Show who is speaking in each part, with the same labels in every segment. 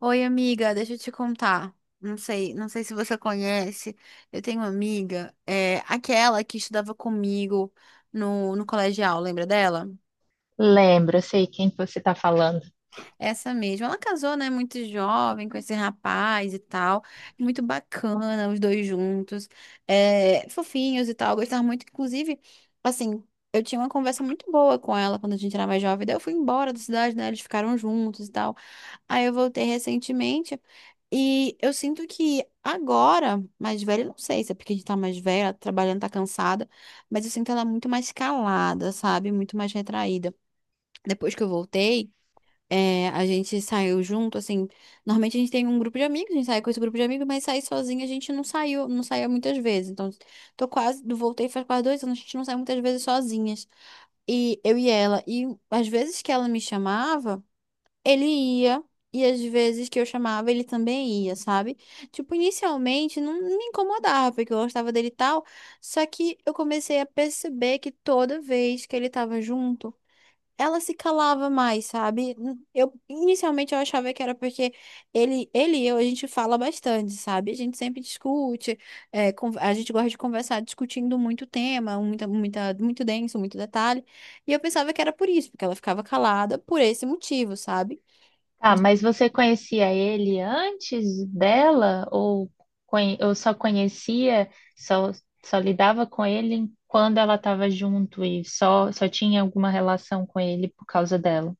Speaker 1: Oi, amiga, deixa eu te contar. Não sei se você conhece. Eu tenho uma amiga, aquela que estudava comigo no colegial, lembra dela?
Speaker 2: Lembro, eu sei quem que você está falando.
Speaker 1: Essa mesma. Ela casou, né, muito jovem com esse rapaz e tal. Muito bacana, os dois juntos. É, fofinhos e tal. Eu gostava muito, inclusive, assim, eu tinha uma conversa muito boa com ela quando a gente era mais jovem. Daí eu fui embora da cidade, né? Eles ficaram juntos e tal. Aí eu voltei recentemente. E eu sinto que agora, mais velha, não sei se é porque a gente tá mais velha, trabalhando, tá cansada, mas eu sinto ela muito mais calada, sabe? Muito mais retraída. Depois que eu voltei. É, a gente saiu junto, assim. Normalmente a gente tem um grupo de amigos, a gente sai com esse grupo de amigos, mas sair sozinha a gente não saiu, não saía muitas vezes. Então, tô quase, voltei faz quase dois anos, a gente não sai muitas vezes sozinhas. E eu e ela. E às vezes que ela me chamava, ele ia. E às vezes que eu chamava, ele também ia, sabe? Tipo, inicialmente não me incomodava, porque eu gostava dele e tal. Só que eu comecei a perceber que toda vez que ele tava junto, ela se calava mais, sabe? Eu inicialmente eu achava que era porque ele e eu a gente fala bastante, sabe? A gente sempre discute, a gente gosta de conversar discutindo muito tema, muito denso, muito detalhe. E eu pensava que era por isso, porque ela ficava calada por esse motivo, sabe?
Speaker 2: Ah, mas você conhecia ele antes dela ou, conhe- ou só conhecia, só, só lidava com ele quando ela estava junto e só tinha alguma relação com ele por causa dela?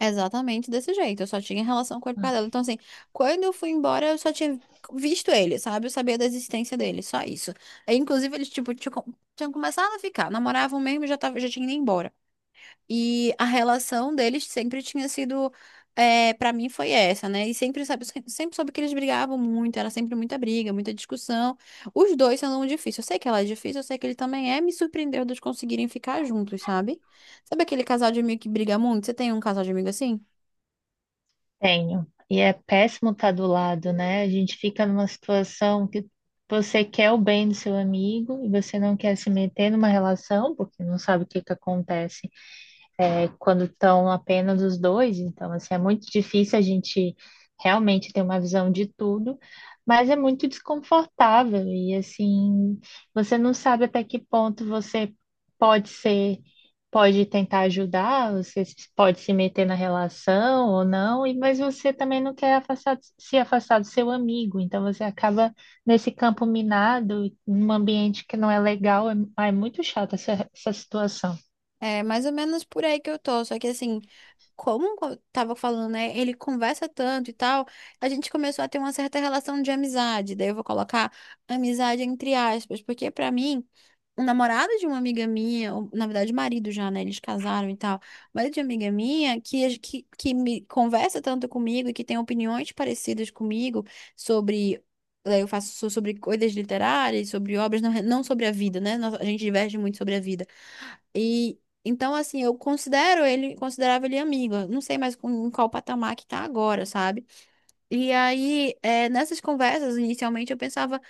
Speaker 1: Exatamente desse jeito. Eu só tinha relação com ele para dela. Então, assim, quando eu fui embora, eu só tinha visto ele, sabe? Eu sabia da existência dele, só isso. Aí, inclusive, eles, tipo, tinham começado a ficar, namoravam mesmo e já tava, já tinha ido embora. E a relação deles sempre tinha sido, é, para mim, foi essa, né? E sempre, sabe, sempre soube que eles brigavam muito, era sempre muita briga, muita discussão. Os dois são difíceis. Eu sei que ela é difícil, eu sei que ele também é, me surpreendeu de eles conseguirem ficar juntos, sabe? Sabe aquele casal de amigo que briga muito? Você tem um casal de amigo assim?
Speaker 2: Tenho. E é péssimo estar do lado, né? A gente fica numa situação que você quer o bem do seu amigo e você não quer se meter numa relação porque não sabe o que que acontece. Quando estão apenas os dois, então assim, é muito difícil a gente realmente ter uma visão de tudo, mas é muito desconfortável e assim, você não sabe até que ponto você pode ser, pode tentar ajudar, você pode se meter na relação ou não, e mas você também não quer se afastar do seu amigo, então você acaba nesse campo minado, num ambiente que não é legal, é muito chata essa situação.
Speaker 1: É mais ou menos por aí que eu tô. Só que assim, como eu tava falando, né? Ele conversa tanto e tal, a gente começou a ter uma certa relação de amizade. Daí eu vou colocar amizade entre aspas, porque pra mim, o namorado de uma amiga minha, ou, na verdade, marido já, né? Eles casaram e tal. Marido de uma amiga minha que me conversa tanto comigo e que tem opiniões parecidas comigo sobre. Daí eu faço sobre coisas literárias, sobre obras, não sobre a vida, né? A gente diverge muito sobre a vida. E então, assim, eu considero ele, considerava ele amiga. Não sei mais com, em qual patamar que tá agora, sabe? E aí, é, nessas conversas, inicialmente, eu pensava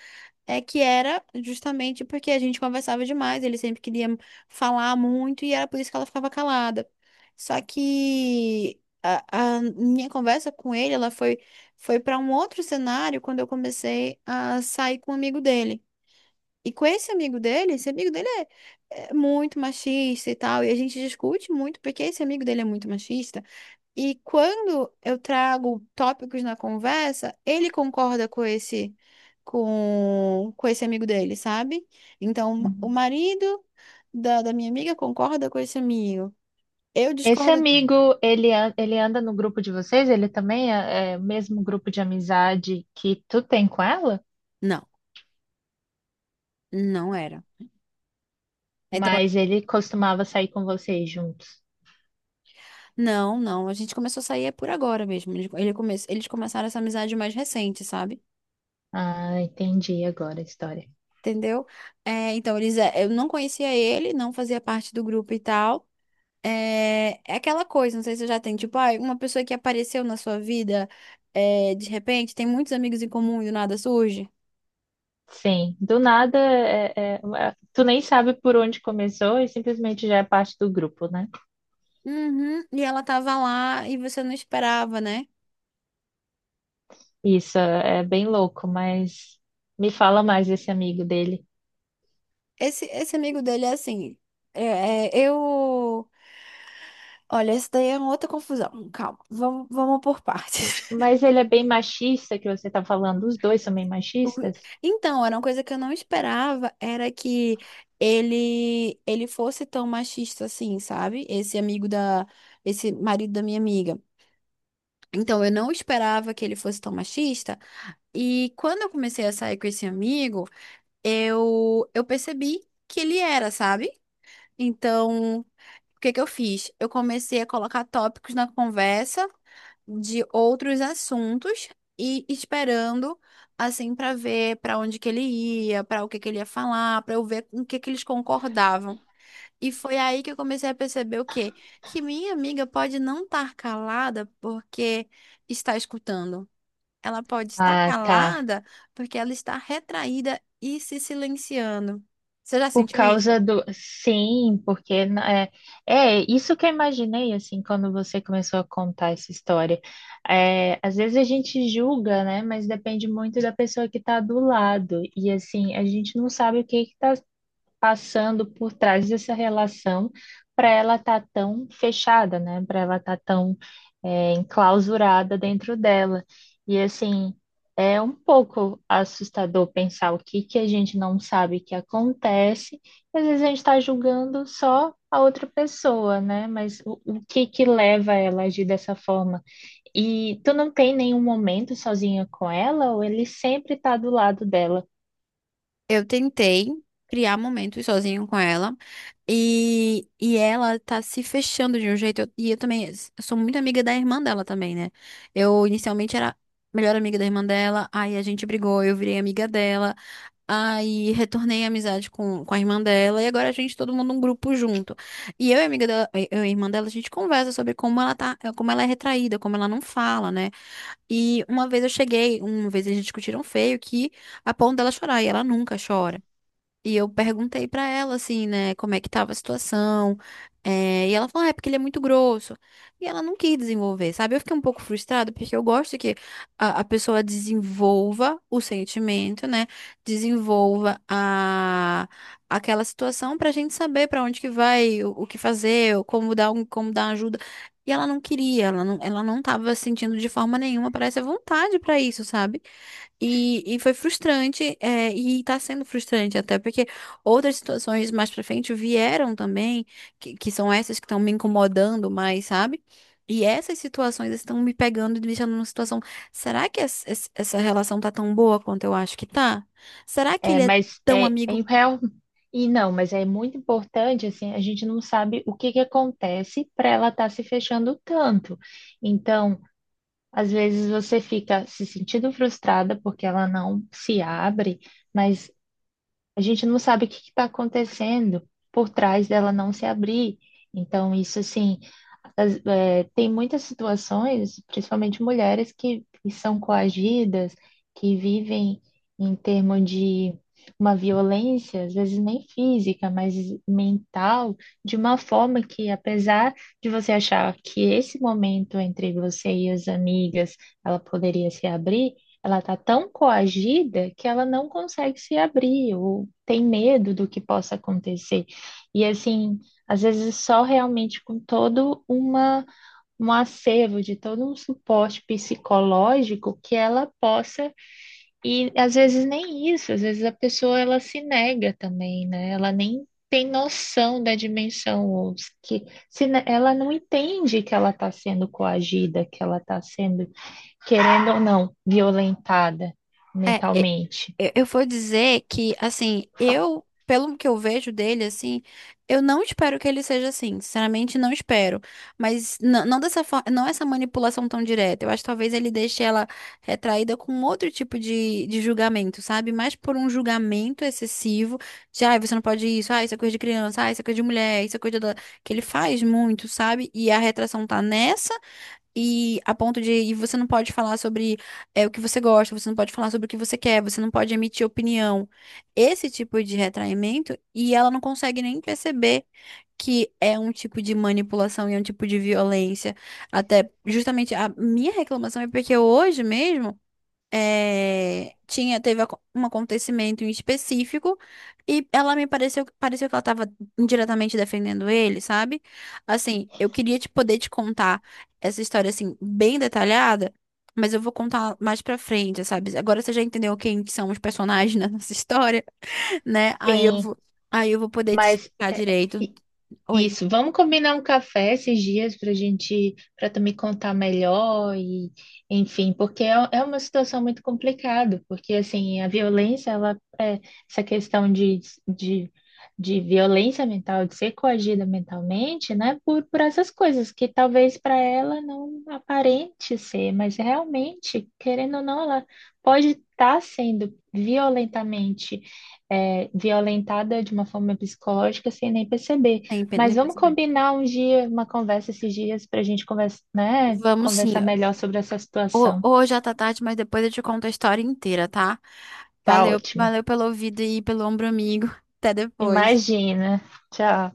Speaker 1: que era justamente porque a gente conversava demais, ele sempre queria falar muito e era por isso que ela ficava calada. Só que a minha conversa com ele, ela foi, foi para um outro cenário quando eu comecei a sair com um amigo dele. E com esse amigo dele é muito machista e tal, e a gente discute muito porque esse amigo dele é muito machista. E quando eu trago tópicos na conversa, ele concorda com esse com esse amigo dele, sabe? Então, o
Speaker 2: Uhum.
Speaker 1: marido da minha amiga concorda com esse amigo. Eu
Speaker 2: Esse
Speaker 1: discordo.
Speaker 2: amigo, ele, ele anda no grupo de vocês? Ele também é, é o mesmo grupo de amizade que tu tem com ela?
Speaker 1: Não, não era. Então, eu-
Speaker 2: Mas ele costumava sair com vocês juntos.
Speaker 1: não, não, a gente começou a sair é por agora mesmo. Ele come... Eles começaram essa amizade mais recente, sabe?
Speaker 2: Ah, entendi agora a história.
Speaker 1: Entendeu? É, então, eles, é, eu não conhecia ele, não fazia parte do grupo e tal. É, é aquela coisa, não sei se você já tem, tipo, ah, uma pessoa que apareceu na sua vida, é, de repente, tem muitos amigos em comum e do nada surge.
Speaker 2: Sim, do nada, tu nem sabe por onde começou e simplesmente já é parte do grupo, né?
Speaker 1: Uhum, e ela tava lá e você não esperava, né?
Speaker 2: Isso é bem louco, mas me fala mais desse amigo dele.
Speaker 1: Esse amigo dele é assim. É, é, eu. Olha, esse daí é uma outra confusão. Calma, vamos por partes.
Speaker 2: Mas ele é bem machista, que você tá falando. Os dois são bem
Speaker 1: O
Speaker 2: machistas?
Speaker 1: Então, era uma coisa que eu não esperava, era que ele fosse tão machista assim, sabe? Esse marido da minha amiga. Então, eu não esperava que ele fosse tão machista, e quando eu comecei a sair com esse amigo, eu percebi que ele era, sabe? Então, o que que eu fiz? Eu comecei a colocar tópicos na conversa de outros assuntos e esperando assim para ver para onde que ele ia, para o que que ele ia falar, para eu ver com o que que eles concordavam. E foi aí que eu comecei a perceber o quê? Que minha amiga pode não estar calada porque está escutando. Ela pode estar
Speaker 2: Ah, tá.
Speaker 1: calada porque ela está retraída e se silenciando. Você já
Speaker 2: Por
Speaker 1: sentiu isso?
Speaker 2: causa do. Sim, é, é isso que eu imaginei, assim, quando você começou a contar essa história. É, às vezes a gente julga, né? Mas depende muito da pessoa que está do lado. E, assim, a gente não sabe o que está passando por trás dessa relação para ela estar tão fechada, né? Para ela estar tão é, enclausurada dentro dela. E assim, é um pouco assustador pensar o que que a gente não sabe que acontece, e às vezes a gente está julgando só a outra pessoa, né? Mas o que que leva ela a agir dessa forma? E tu não tem nenhum momento sozinha com ela, ou ele sempre está do lado dela?
Speaker 1: Eu tentei criar momentos sozinho com ela e ela tá se fechando de um jeito. E eu também sou muito amiga da irmã dela também, né? Eu inicialmente era melhor amiga da irmã dela, aí a gente brigou, eu virei amiga dela, aí retornei a amizade com a irmã dela e agora a gente todo mundo um grupo junto. E eu e a amiga dela, eu e a irmã dela, a gente conversa sobre como ela tá, como ela é retraída, como ela não fala, né? E uma vez eu cheguei, uma vez eles discutiram feio que a ponto dela chorar e ela nunca chora. E eu perguntei pra ela, assim, né, como é que tava a situação. E ela falou, ah, é porque ele é muito grosso. E ela não quis desenvolver, sabe? Eu fiquei um pouco frustrada, porque eu gosto que a pessoa desenvolva o sentimento, né? Desenvolva a, aquela situação pra gente saber pra onde que vai, o que fazer, ou como dar, um, como dar ajuda. E ela não queria, ela não tava sentindo de forma nenhuma, parece a vontade pra isso, sabe? E foi frustrante, é, e tá sendo frustrante até, porque outras situações mais pra frente vieram também, que são essas que estão me incomodando mais, sabe? E essas situações estão me pegando e me deixando numa situação. Será que essa essa relação tá tão boa quanto eu acho que tá? Será que
Speaker 2: É,
Speaker 1: ele é
Speaker 2: mas
Speaker 1: tão
Speaker 2: é, é
Speaker 1: amigo.
Speaker 2: em real e não, mas é muito importante assim, a gente não sabe o que que acontece para ela estar se fechando tanto. Então, às vezes você fica se sentindo frustrada porque ela não se abre, mas a gente não sabe o que está acontecendo por trás dela não se abrir. Então, isso, assim, é, tem muitas situações, principalmente mulheres, que são coagidas, que vivem em termos de uma violência, às vezes nem física, mas mental, de uma forma que, apesar de você achar que esse momento entre você e as amigas ela poderia se abrir, ela está tão coagida que ela não consegue se abrir, ou tem medo do que possa acontecer. E assim, às vezes só realmente com todo uma, um acervo de todo um suporte psicológico que ela possa, e às vezes nem isso, às vezes a pessoa ela se nega também, né? Ela nem tem noção da dimensão, ou que se ne- ela não entende que ela está sendo coagida, que ela está sendo, querendo ou não, violentada
Speaker 1: É, é,
Speaker 2: mentalmente.
Speaker 1: eu vou dizer que, assim, eu, pelo que eu vejo dele, assim, eu não espero que ele seja assim, sinceramente não espero, mas não dessa forma, não essa manipulação tão direta, eu acho que talvez ele deixe ela retraída com outro tipo de julgamento, sabe? Mais por um julgamento excessivo de, ai, você não pode isso, ai, isso é coisa de criança, ai, isso é coisa de mulher, isso é coisa da... que ele faz muito, sabe? E a retração tá nessa e a ponto de, e você não pode falar sobre o que você gosta, você não pode falar sobre o que você quer, você não pode emitir opinião. Esse tipo de retraimento, e ela não consegue nem perceber que é um tipo de manipulação e é um tipo de violência. Até justamente a minha reclamação é porque hoje mesmo teve um acontecimento em específico e ela me pareceu, pareceu que ela estava indiretamente defendendo ele, sabe? Assim, eu queria te poder te contar essa história assim bem detalhada, mas eu vou contar mais pra frente, sabe? Agora você já entendeu quem que são os personagens nessa história, né?
Speaker 2: Sim,
Speaker 1: Aí eu vou poder te
Speaker 2: mas
Speaker 1: explicar direito. Oi,
Speaker 2: isso, vamos combinar um café esses dias para gente, para tu me contar melhor e, enfim, porque é, é uma situação muito complicada, porque assim, a violência, ela, essa questão de, de violência mental, de ser coagida mentalmente, né, por essas coisas que talvez para ela não aparente ser, mas realmente, querendo ou não, ela pode estar sendo violentamente, violentada de uma forma psicológica sem nem perceber. Mas
Speaker 1: nem
Speaker 2: vamos
Speaker 1: percebi.
Speaker 2: combinar um dia, uma conversa esses dias para a gente
Speaker 1: Vamos
Speaker 2: conversar
Speaker 1: sim.
Speaker 2: melhor sobre essa situação.
Speaker 1: Hoje já tá tarde, mas depois eu te conto a história inteira, tá?
Speaker 2: Tá
Speaker 1: Valeu,
Speaker 2: ótima.
Speaker 1: valeu pelo ouvido e pelo ombro amigo. Até depois.
Speaker 2: Imagina. Tchau.